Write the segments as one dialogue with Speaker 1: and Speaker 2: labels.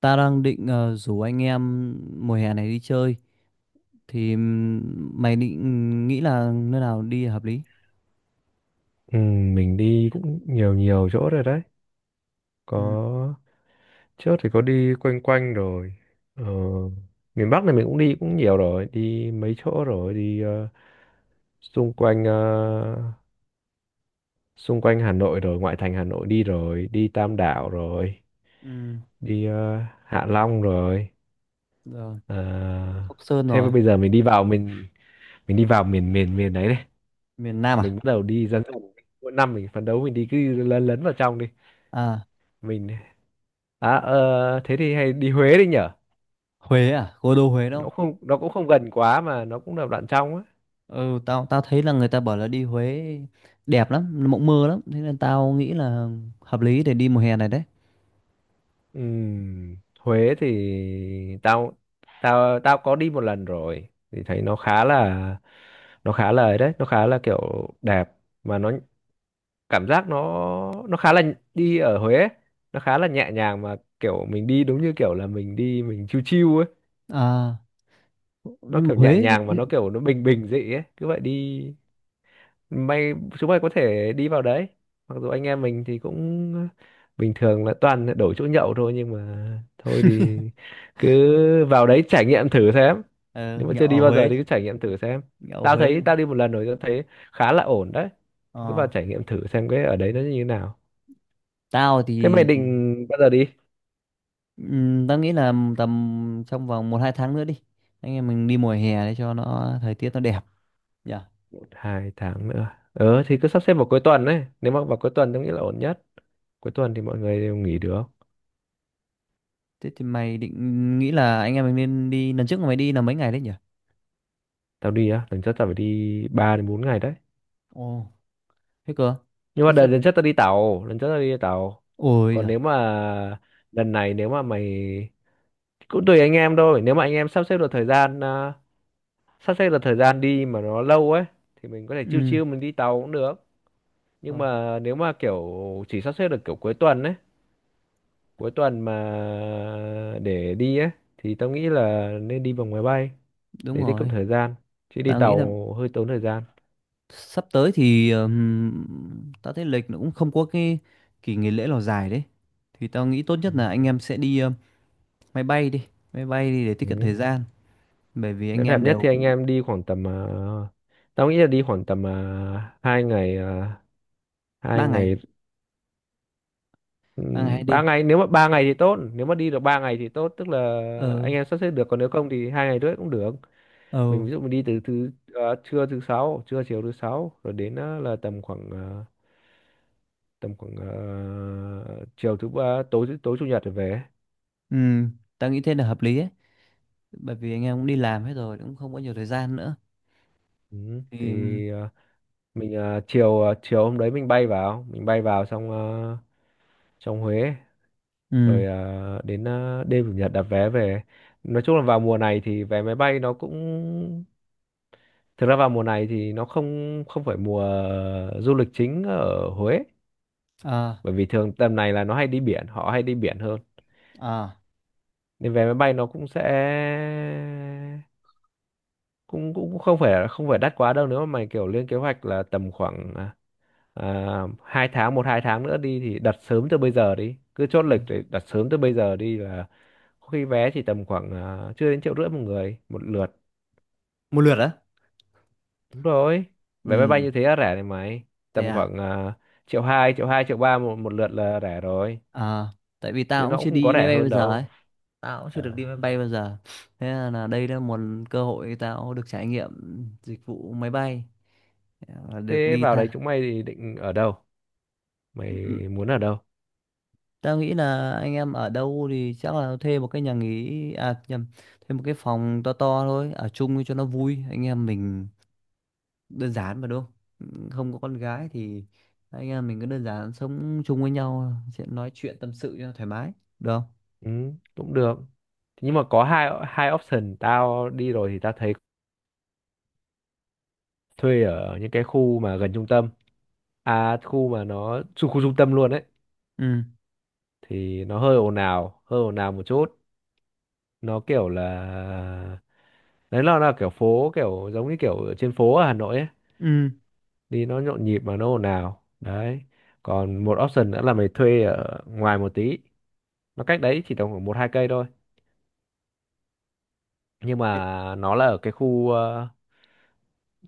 Speaker 1: Ta đang định rủ anh em mùa hè này đi chơi thì mày định nghĩ là nơi nào đi hợp lý?
Speaker 2: Ừ, mình đi cũng nhiều nhiều chỗ rồi đấy.
Speaker 1: Ừ,
Speaker 2: Có trước thì có đi quanh quanh rồi. Ờ, miền Bắc này mình cũng đi cũng nhiều rồi, đi mấy chỗ rồi, đi xung quanh xung quanh Hà Nội rồi, ngoại thành Hà Nội đi rồi, đi Tam Đảo rồi,
Speaker 1: ừ,
Speaker 2: đi Hạ Long rồi.
Speaker 1: rồi.
Speaker 2: Ờ,
Speaker 1: Sóc Sơn
Speaker 2: thế mà
Speaker 1: rồi.
Speaker 2: bây giờ mình đi vào mình đi vào miền miền miền đấy này.
Speaker 1: Miền Nam
Speaker 2: Mình
Speaker 1: à?
Speaker 2: bắt đầu đi dần dần. Mỗi năm mình phấn đấu mình đi cứ lấn lấn vào trong đi.
Speaker 1: À,
Speaker 2: Mình thế thì hay đi Huế đi nhở?
Speaker 1: Huế à? Cố đô Huế đúng không?
Speaker 2: Nó cũng không gần quá mà nó cũng là đoạn trong á.
Speaker 1: Ừ, tao tao thấy là người ta bảo là đi Huế đẹp lắm, mộng mơ lắm, thế nên tao nghĩ là hợp lý để đi mùa hè này đấy.
Speaker 2: Huế thì tao tao tao có đi một lần rồi thì thấy nó khá là, ấy đấy, nó khá là kiểu đẹp, mà nó cảm giác nó khá là đi ở Huế ấy, nó khá là nhẹ nhàng mà kiểu mình đi đúng như kiểu là mình đi mình chill chill ấy.
Speaker 1: À,
Speaker 2: Nó
Speaker 1: nhưng mà
Speaker 2: kiểu nhẹ
Speaker 1: Huế.
Speaker 2: nhàng mà nó kiểu nó bình bình dị ấy, cứ vậy đi. May chúng mày có thể đi vào đấy, mặc dù anh em mình thì cũng bình thường là toàn đổi chỗ nhậu thôi, nhưng mà thôi thì cứ vào đấy trải nghiệm thử xem.
Speaker 1: Ờ,
Speaker 2: Nếu mà
Speaker 1: Nhậu
Speaker 2: chưa đi
Speaker 1: ở
Speaker 2: bao giờ
Speaker 1: Huế,
Speaker 2: thì cứ trải nghiệm thử xem.
Speaker 1: nhậu ở
Speaker 2: Tao
Speaker 1: Huế.
Speaker 2: thấy tao đi một lần rồi, tao thấy khá là ổn đấy, thì cứ
Speaker 1: Ờ.
Speaker 2: vào trải nghiệm thử xem cái ở đấy nó như thế nào.
Speaker 1: tao thì
Speaker 2: Thế mày định bao giờ đi?
Speaker 1: tao nghĩ là tầm trong vòng 1 2 tháng nữa đi. Anh em mình đi mùa hè để cho nó thời tiết nó đẹp nhỉ.
Speaker 2: Một hai tháng nữa, thì cứ sắp xếp vào cuối tuần đấy, nếu mà vào cuối tuần tao nghĩ là ổn nhất. Cuối tuần thì mọi người đều nghỉ được.
Speaker 1: Thế thì mày định nghĩ là anh em mình nên đi, lần trước mày đi là mấy ngày đấy nhỉ?
Speaker 2: Tao đi á, lần trước tao phải đi 3 đến 4 ngày đấy.
Speaker 1: Ồ, thế cơ.
Speaker 2: Nhưng mà
Speaker 1: Thế
Speaker 2: đợt
Speaker 1: sao?
Speaker 2: lần trước tao đi tàu,
Speaker 1: Ôi
Speaker 2: còn
Speaker 1: giời.
Speaker 2: nếu mà lần này nếu mà mày, cũng tùy anh em thôi, nếu mà anh em sắp xếp được thời gian, đi mà nó lâu ấy, thì mình có thể chill
Speaker 1: Ừ.
Speaker 2: chill mình đi tàu cũng được. Nhưng
Speaker 1: ờ,
Speaker 2: mà nếu mà kiểu chỉ sắp xếp được kiểu cuối tuần ấy, cuối tuần mà để đi ấy, thì tao nghĩ là nên đi bằng máy bay
Speaker 1: Đúng
Speaker 2: để tiết kiệm
Speaker 1: rồi.
Speaker 2: thời gian, chứ đi
Speaker 1: Tao nghĩ là
Speaker 2: tàu hơi tốn thời gian.
Speaker 1: sắp tới thì tao thấy lịch nó cũng không có cái kỳ nghỉ lễ nào dài đấy. Thì tao nghĩ tốt
Speaker 2: Ừ.
Speaker 1: nhất là anh em sẽ đi máy bay đi máy bay đi để tiết kiệm
Speaker 2: Ừ.
Speaker 1: thời gian, bởi vì
Speaker 2: Nếu
Speaker 1: anh
Speaker 2: đẹp
Speaker 1: em
Speaker 2: nhất
Speaker 1: đều
Speaker 2: thì anh
Speaker 1: cũng
Speaker 2: em đi khoảng tầm tao nghĩ là đi khoảng tầm 2 ngày, hai
Speaker 1: ba ngày
Speaker 2: ngày
Speaker 1: ba ngày hai
Speaker 2: ba
Speaker 1: đêm
Speaker 2: ngày Nếu mà 3 ngày thì tốt, nếu mà đi được 3 ngày thì tốt, tức là
Speaker 1: Ờ.
Speaker 2: anh em sắp xếp được, còn nếu không thì 2 ngày rưỡi cũng được.
Speaker 1: Ừ,
Speaker 2: Mình ví dụ mình đi từ thứ trưa thứ sáu, chiều thứ sáu, rồi đến ờ, là tầm khoảng chiều thứ ba, tối tối chủ nhật rồi về.
Speaker 1: ừ, tao nghĩ thế là hợp lý ấy, bởi vì anh em cũng đi làm hết rồi cũng không có nhiều thời gian nữa.
Speaker 2: Ừ.
Speaker 1: Thì
Speaker 2: Thì ờ, mình ờ, chiều hôm đấy mình bay vào, xong trong Huế,
Speaker 1: ừ,
Speaker 2: rồi đến đêm chủ nhật đặt vé về. Nói chung là vào mùa này thì vé máy bay nó cũng, thực ra vào mùa này thì nó không không phải mùa du lịch chính ở Huế,
Speaker 1: à,
Speaker 2: bởi vì thường tầm này là nó hay đi biển, họ hay đi biển hơn.
Speaker 1: à,
Speaker 2: Nên vé máy bay nó cũng sẽ, cũng cũng không phải đắt quá đâu, nếu mà mày kiểu lên kế hoạch là tầm khoảng hai tháng 1 2 tháng nữa đi, thì đặt sớm từ bây giờ đi, cứ chốt
Speaker 1: ừ.
Speaker 2: lịch để đặt sớm từ bây giờ đi là khi vé chỉ tầm khoảng chưa đến 1,5 triệu một người một lượt.
Speaker 1: Một lượt á?
Speaker 2: Đúng rồi, vé máy bay
Speaker 1: Ừ.
Speaker 2: như thế là rẻ này mày.
Speaker 1: Thế
Speaker 2: Tầm
Speaker 1: à?
Speaker 2: khoảng 1,2 1,2 1,3 triệu, một một lượt là rẻ rồi,
Speaker 1: À. Tại vì
Speaker 2: chứ
Speaker 1: tao
Speaker 2: nó
Speaker 1: cũng
Speaker 2: cũng
Speaker 1: chưa
Speaker 2: không có
Speaker 1: đi máy
Speaker 2: rẻ
Speaker 1: bay
Speaker 2: hơn
Speaker 1: bao giờ ấy,
Speaker 2: đâu.
Speaker 1: tao cũng chưa được
Speaker 2: Ờ.
Speaker 1: đi máy bay bao giờ. Thế là đây là một cơ hội tao được trải nghiệm dịch vụ máy bay. Ờ, được
Speaker 2: Thế
Speaker 1: đi
Speaker 2: vào đấy
Speaker 1: tha.
Speaker 2: chúng mày thì định ở đâu, mày
Speaker 1: Ừ,
Speaker 2: muốn ở đâu?
Speaker 1: tao nghĩ là anh em ở đâu thì chắc là thuê một cái nhà nghỉ, à nhầm, thuê một cái phòng to to thôi, ở chung cho nó vui. Anh em mình đơn giản mà, đúng không? Ừ, không có con gái thì anh em mình cứ đơn giản sống chung với nhau, sẽ nói chuyện tâm sự cho thoải mái, được không?
Speaker 2: Ừ, cũng được. Thế nhưng mà có hai hai option, tao đi rồi thì tao thấy thuê ở những cái khu mà gần trung tâm, à khu mà nó khu, khu trung tâm luôn ấy,
Speaker 1: Ừ.
Speaker 2: thì nó hơi ồn ào, hơi ồn ào một chút. Nó kiểu là, đấy là kiểu phố, kiểu giống như kiểu ở trên phố ở Hà Nội ấy,
Speaker 1: Ừ.
Speaker 2: đi nó nhộn nhịp mà nó ồn ào đấy. Còn một option nữa là mày thuê ở ngoài một tí, nó cách đấy chỉ tầm khoảng 1 2 cây thôi. Nhưng
Speaker 1: Ê,
Speaker 2: mà nó là ở cái khu ờ,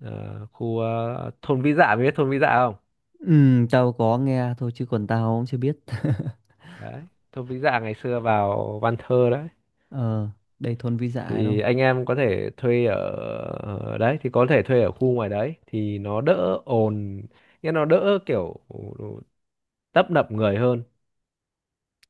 Speaker 2: ờ, khu ờ, thôn Vĩ Dạ, mày biết thôn Vĩ Dạ không?
Speaker 1: ừ, tao có nghe thôi chứ còn tao cũng chưa biết.
Speaker 2: Đấy, thôn Vĩ Dạ ngày xưa vào văn thơ đấy.
Speaker 1: Ờ, đây thôn Vi Dạ đúng
Speaker 2: Thì
Speaker 1: không?
Speaker 2: anh em có thể thuê ở, ở đấy thì có thể thuê ở khu ngoài đấy thì nó đỡ ồn, nghĩa nó đỡ kiểu tấp nập người hơn.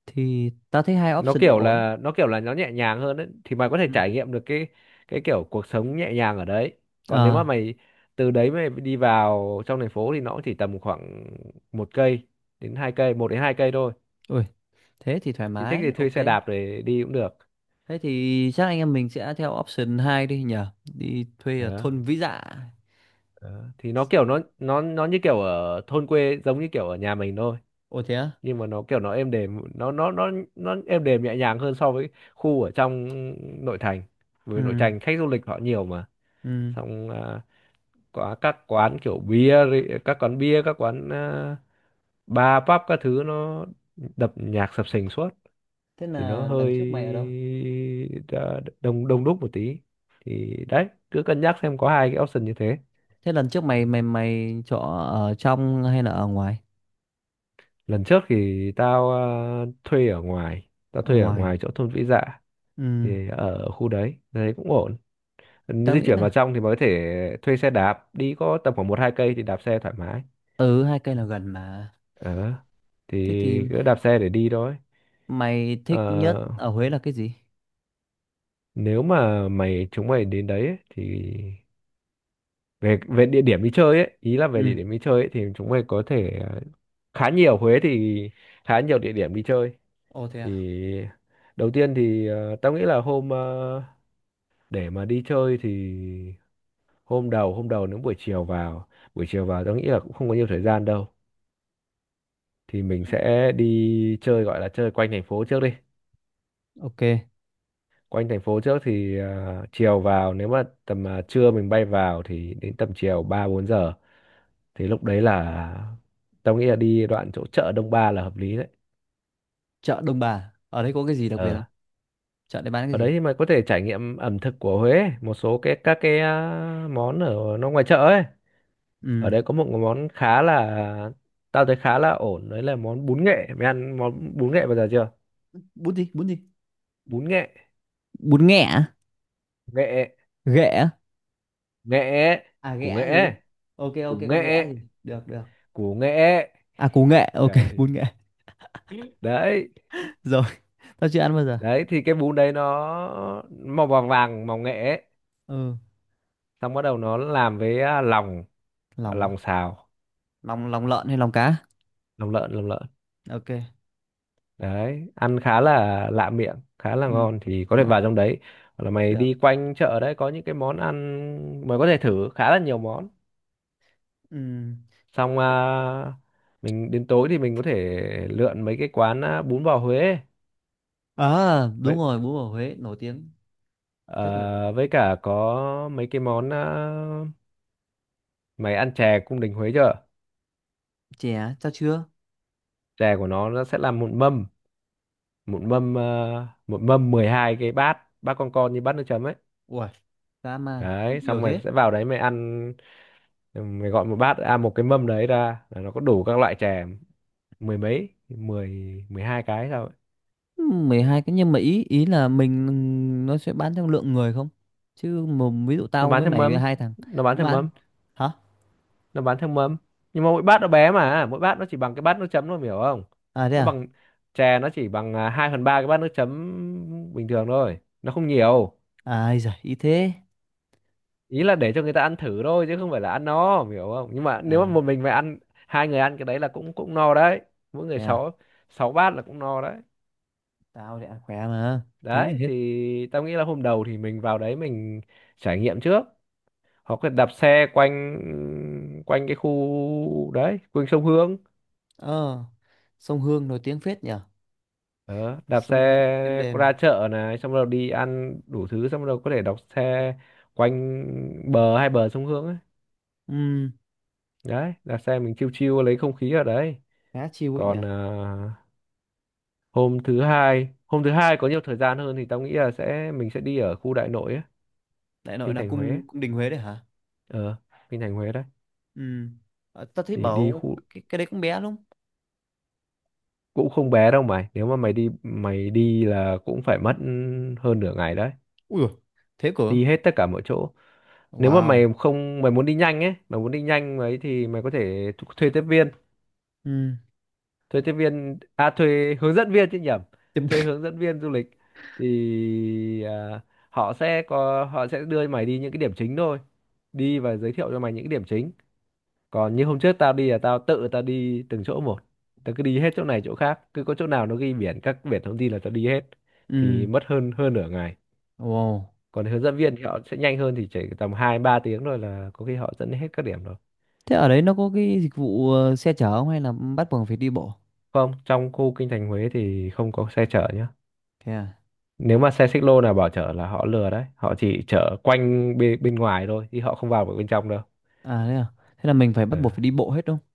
Speaker 1: Thì tao thấy hai option đều ổn.
Speaker 2: Nó kiểu là nó nhẹ nhàng hơn ấy, thì mày có thể
Speaker 1: Ừ.
Speaker 2: trải nghiệm được cái kiểu cuộc sống nhẹ nhàng ở đấy. Còn nếu mà
Speaker 1: À.
Speaker 2: mày từ đấy mày đi vào trong thành phố thì nó chỉ tầm khoảng một cây đến hai cây 1 đến 2 cây thôi,
Speaker 1: Ui, thế thì thoải
Speaker 2: thì thích thì
Speaker 1: mái.
Speaker 2: thuê
Speaker 1: Ok.
Speaker 2: xe đạp để đi cũng được.
Speaker 1: Thế thì chắc anh em mình sẽ theo option 2 đi nhỉ, đi thuê ở
Speaker 2: Đó,
Speaker 1: thôn Vĩ Dạ.
Speaker 2: đó. Thì nó kiểu
Speaker 1: Sẽ-
Speaker 2: nó như kiểu ở thôn quê, giống như kiểu ở nhà mình thôi,
Speaker 1: Ồ thế á?
Speaker 2: nhưng mà nó kiểu nó êm đềm, nó êm đềm nhẹ nhàng hơn so với khu ở trong nội thành, bởi vì nội
Speaker 1: Ừ.
Speaker 2: thành khách du lịch họ nhiều mà.
Speaker 1: Ừ.
Speaker 2: Xong có các quán kiểu các quán bia, các quán bar pub các thứ, nó đập nhạc sập sình suốt,
Speaker 1: Thế
Speaker 2: thì nó
Speaker 1: là
Speaker 2: hơi
Speaker 1: lần trước mày ở đâu?
Speaker 2: đông đông đúc một tí. Thì đấy, cứ cân nhắc xem, có hai cái option như thế.
Speaker 1: Thế lần trước mày mày mày chỗ ở trong hay là ở ngoài?
Speaker 2: Lần trước thì tao thuê ở ngoài,
Speaker 1: Ở ngoài.
Speaker 2: chỗ thôn Vĩ Dạ,
Speaker 1: Ừ,
Speaker 2: thì ở khu đấy đấy cũng ổn.
Speaker 1: tao
Speaker 2: Di
Speaker 1: nghĩ
Speaker 2: chuyển vào
Speaker 1: là,
Speaker 2: trong thì mới có thể thuê xe đạp đi, có tầm khoảng 1 2 cây thì đạp xe thoải mái.
Speaker 1: ừ, 2 cây là gần mà.
Speaker 2: ờ thì
Speaker 1: Thế thì
Speaker 2: cứ đạp xe để đi thôi.
Speaker 1: mày thích nhất
Speaker 2: Ờ,
Speaker 1: ở Huế là cái gì?
Speaker 2: nếu mà chúng mày đến đấy ấy, thì về, về địa điểm đi chơi ấy, ý là về
Speaker 1: Ừ.
Speaker 2: địa điểm đi chơi ấy, thì chúng mày có thể khá nhiều. Huế thì khá nhiều địa điểm đi chơi.
Speaker 1: Ồ thế
Speaker 2: Thì
Speaker 1: à?
Speaker 2: đầu tiên thì tao nghĩ là để mà đi chơi thì hôm đầu, nếu buổi chiều vào, tao nghĩ là cũng không có nhiều thời gian đâu, thì mình sẽ đi chơi, gọi là chơi quanh thành phố trước đi.
Speaker 1: Ok.
Speaker 2: Quanh thành phố trước thì chiều vào, nếu mà tầm trưa mình bay vào thì đến tầm chiều 3 4 giờ, thì lúc đấy là tao nghĩ là đi đoạn chỗ chợ Đông Ba là hợp lý đấy.
Speaker 1: Chợ Đông Bà. Ở đây có cái gì đặc biệt
Speaker 2: Ờ.
Speaker 1: không? Chợ đấy bán cái
Speaker 2: Ở
Speaker 1: gì?
Speaker 2: đấy thì mày có thể trải nghiệm ẩm thực của Huế, một số cái các cái món ở nó ngoài chợ ấy. Ở
Speaker 1: Ừ.
Speaker 2: đây có một món khá là, ổn đấy, là món bún nghệ. Mày ăn món bún nghệ bao giờ chưa?
Speaker 1: Bún gì? Bún gì?
Speaker 2: Bún nghệ,
Speaker 1: Bún nghẹ à?
Speaker 2: nghệ,
Speaker 1: Ghẹ à?
Speaker 2: nghệ,
Speaker 1: À
Speaker 2: củ
Speaker 1: ghẹ
Speaker 2: nghệ,
Speaker 1: gì? Ok,
Speaker 2: củ
Speaker 1: ok, con ghẹ
Speaker 2: nghệ,
Speaker 1: gì? Được, được.
Speaker 2: củ nghệ.
Speaker 1: À, củ nghệ. Ok.
Speaker 2: Trời.
Speaker 1: Bún nghệ.
Speaker 2: Đấy,
Speaker 1: Rồi, tao chưa ăn bao giờ.
Speaker 2: đấy thì cái bún đấy nó màu vàng vàng, màu nghệ ấy.
Speaker 1: Ừ,
Speaker 2: Xong bắt đầu nó làm với lòng,
Speaker 1: lòng á.
Speaker 2: lòng xào,
Speaker 1: Lòng, lòng lợn hay lòng cá?
Speaker 2: lòng lợn, lòng lợn.
Speaker 1: Ok.
Speaker 2: Đấy, ăn khá là lạ miệng, khá là
Speaker 1: Ừ.
Speaker 2: ngon, thì có thể
Speaker 1: Ờ,
Speaker 2: vào trong đấy, hoặc là mày
Speaker 1: được.
Speaker 2: đi quanh chợ đấy có những cái món ăn mày có thể thử khá là nhiều món.
Speaker 1: Ừ.
Speaker 2: Xong mình đến tối thì mình có thể lượn mấy cái quán bún bò Huế ấy.
Speaker 1: À, đúng
Speaker 2: Với
Speaker 1: rồi, bún bò Huế nổi tiếng, rất nổi tiếng.
Speaker 2: ờ, với cả có mấy cái món mày ăn chè cung đình Huế chưa?
Speaker 1: Chè, sao chưa.
Speaker 2: Chè của nó sẽ là một mâm, một mâm 12 cái bát, con như bát nước chấm ấy.
Speaker 1: Ui, dã man,
Speaker 2: Đấy,
Speaker 1: nhiều
Speaker 2: xong mày
Speaker 1: thế.
Speaker 2: sẽ vào đấy mày ăn. Ừ, mày gọi một bát, à, một cái mâm đấy ra là nó có đủ các loại chè, 10 mấy, mười 12 cái sao ấy.
Speaker 1: Ừ, 12 cái, nhưng mà ý ý là mình, nó sẽ bán theo lượng người không? Chứ mà ví dụ
Speaker 2: Nó
Speaker 1: tao
Speaker 2: bán
Speaker 1: với
Speaker 2: theo
Speaker 1: mày
Speaker 2: mâm,
Speaker 1: hai thằng
Speaker 2: nó bán
Speaker 1: cũng
Speaker 2: theo
Speaker 1: bán.
Speaker 2: mâm,
Speaker 1: Hả?
Speaker 2: nó bán theo mâm, nhưng mà mỗi bát nó bé, mà mỗi bát nó chỉ bằng cái bát nước chấm thôi, mày hiểu không?
Speaker 1: À thế
Speaker 2: Nó
Speaker 1: à?
Speaker 2: bằng, chè nó chỉ bằng 2/3 cái bát nước chấm bình thường thôi, nó không nhiều.
Speaker 1: À ai giời, ý thế.
Speaker 2: Ý là để cho người ta ăn thử thôi, chứ không phải là ăn no, em hiểu không? Nhưng mà nếu mà
Speaker 1: À,
Speaker 2: một mình mà ăn, hai người ăn cái đấy là cũng cũng no đấy. Mỗi người
Speaker 1: thế à?
Speaker 2: sáu 6 bát là cũng no đấy.
Speaker 1: Tao thì ăn khỏe mà, tí là
Speaker 2: Đấy
Speaker 1: hết.
Speaker 2: thì tao nghĩ là hôm đầu thì mình vào đấy mình trải nghiệm trước, hoặc là đạp xe quanh, quanh cái khu đấy, quanh sông Hương.
Speaker 1: Ờ, sông Hương nổi tiếng phết nhỉ?
Speaker 2: Ờ, đạp xe
Speaker 1: Sông Hương êm đềm.
Speaker 2: ra chợ này, xong rồi đi ăn đủ thứ, xong rồi có thể đạp xe quanh hai bờ sông Hương ấy.
Speaker 1: Ừ,
Speaker 2: Đấy, đạp xe mình chiêu chiêu lấy không khí ở đấy.
Speaker 1: khá chill ấy nhỉ?
Speaker 2: Còn hôm thứ hai, có nhiều thời gian hơn thì tao nghĩ là mình sẽ đi ở khu đại nội ấy,
Speaker 1: Đại nội
Speaker 2: kinh
Speaker 1: là
Speaker 2: thành Huế.
Speaker 1: cung cung đình Huế đấy hả?
Speaker 2: ờ kinh thành Huế đấy.
Speaker 1: Ừ. Ờ, tao thấy
Speaker 2: Thì đi
Speaker 1: bảo
Speaker 2: khu
Speaker 1: cái đấy cũng bé lắm.
Speaker 2: cũng không bé đâu mày, nếu mà mày đi, là cũng phải mất hơn nửa ngày đấy,
Speaker 1: Ui dồi, thế cửa.
Speaker 2: đi hết tất cả mọi chỗ.
Speaker 1: Ừ,
Speaker 2: Nếu mà
Speaker 1: wow.
Speaker 2: mày không mày muốn đi nhanh ấy, thì mày có thể thuê tiếp viên,
Speaker 1: Ừ.
Speaker 2: thuê hướng dẫn viên chứ nhầm,
Speaker 1: Tiếp-
Speaker 2: thuê hướng dẫn viên du lịch. Thì họ sẽ đưa mày đi những cái điểm chính thôi, đi và giới thiệu cho mày những cái điểm chính. Còn như hôm trước tao đi là tao tự, tao đi từng chỗ một, tao cứ đi hết chỗ này chỗ khác, cứ có chỗ nào nó ghi biển, biển thông tin là tao đi hết, thì
Speaker 1: ừ.
Speaker 2: mất hơn hơn nửa ngày.
Speaker 1: Wow,
Speaker 2: Còn hướng dẫn viên thì họ sẽ nhanh hơn, thì chỉ tầm 2 3 tiếng rồi là có khi họ dẫn hết các điểm rồi.
Speaker 1: thế ở đấy nó có cái dịch vụ xe chở không hay là bắt buộc phải đi bộ?
Speaker 2: Không, trong khu kinh thành Huế thì không có xe chở nhá.
Speaker 1: Thế à?
Speaker 2: Nếu mà xe xích lô nào bảo chở là họ lừa đấy, họ chỉ chở quanh bên bên ngoài thôi, chứ họ không vào được bên trong đâu.
Speaker 1: À thế à? Thế là mình phải bắt buộc phải
Speaker 2: Ờ,
Speaker 1: đi bộ hết đúng không?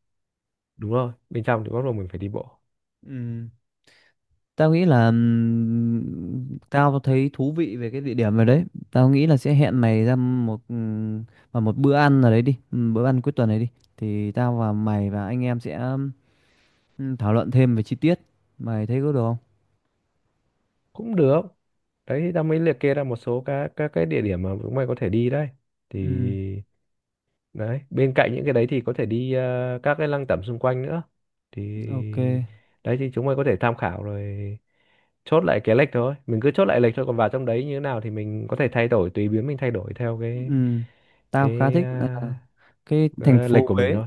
Speaker 2: đúng rồi, bên trong thì bắt buộc mình phải đi bộ.
Speaker 1: Ừ. Tao nghĩ là tao thấy thú vị về cái địa điểm này đấy. Tao nghĩ là sẽ hẹn mày ra một vào một bữa ăn nào đấy đi, bữa ăn cuối tuần này đi. Thì tao và mày và anh em sẽ thảo luận thêm về chi tiết, mày thấy có được không?
Speaker 2: Cũng được. Đấy thì ta mới liệt kê ra một số các cái địa điểm mà chúng mày có thể đi đấy. Thì
Speaker 1: Ừ,
Speaker 2: đấy, bên cạnh những cái đấy thì có thể đi các cái lăng tẩm xung quanh nữa. Thì
Speaker 1: ok.
Speaker 2: đấy thì chúng mày có thể tham khảo rồi, chốt lại cái lịch thôi, mình cứ chốt lại lịch thôi, còn vào trong đấy như thế nào thì mình có thể thay đổi, tùy biến mình thay đổi theo cái
Speaker 1: Ừ, tao khá
Speaker 2: cái
Speaker 1: thích là
Speaker 2: ờ,
Speaker 1: cái thành
Speaker 2: đấy, lịch
Speaker 1: phố
Speaker 2: của mình
Speaker 1: Huế
Speaker 2: thôi.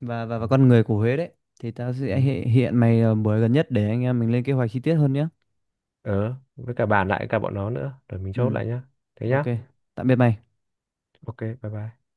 Speaker 1: và và
Speaker 2: Ừ.
Speaker 1: và con người của Huế đấy. Thì tao
Speaker 2: Ừ.
Speaker 1: sẽ hiện mày buổi gần nhất để anh em mình lên kế hoạch chi tiết hơn nhé.
Speaker 2: Ờ, với cả bàn lại cả bọn nó nữa rồi mình chốt
Speaker 1: Ừ,
Speaker 2: lại nhá, thế
Speaker 1: ok.
Speaker 2: nhá.
Speaker 1: Tạm biệt mày.
Speaker 2: OK bye bye.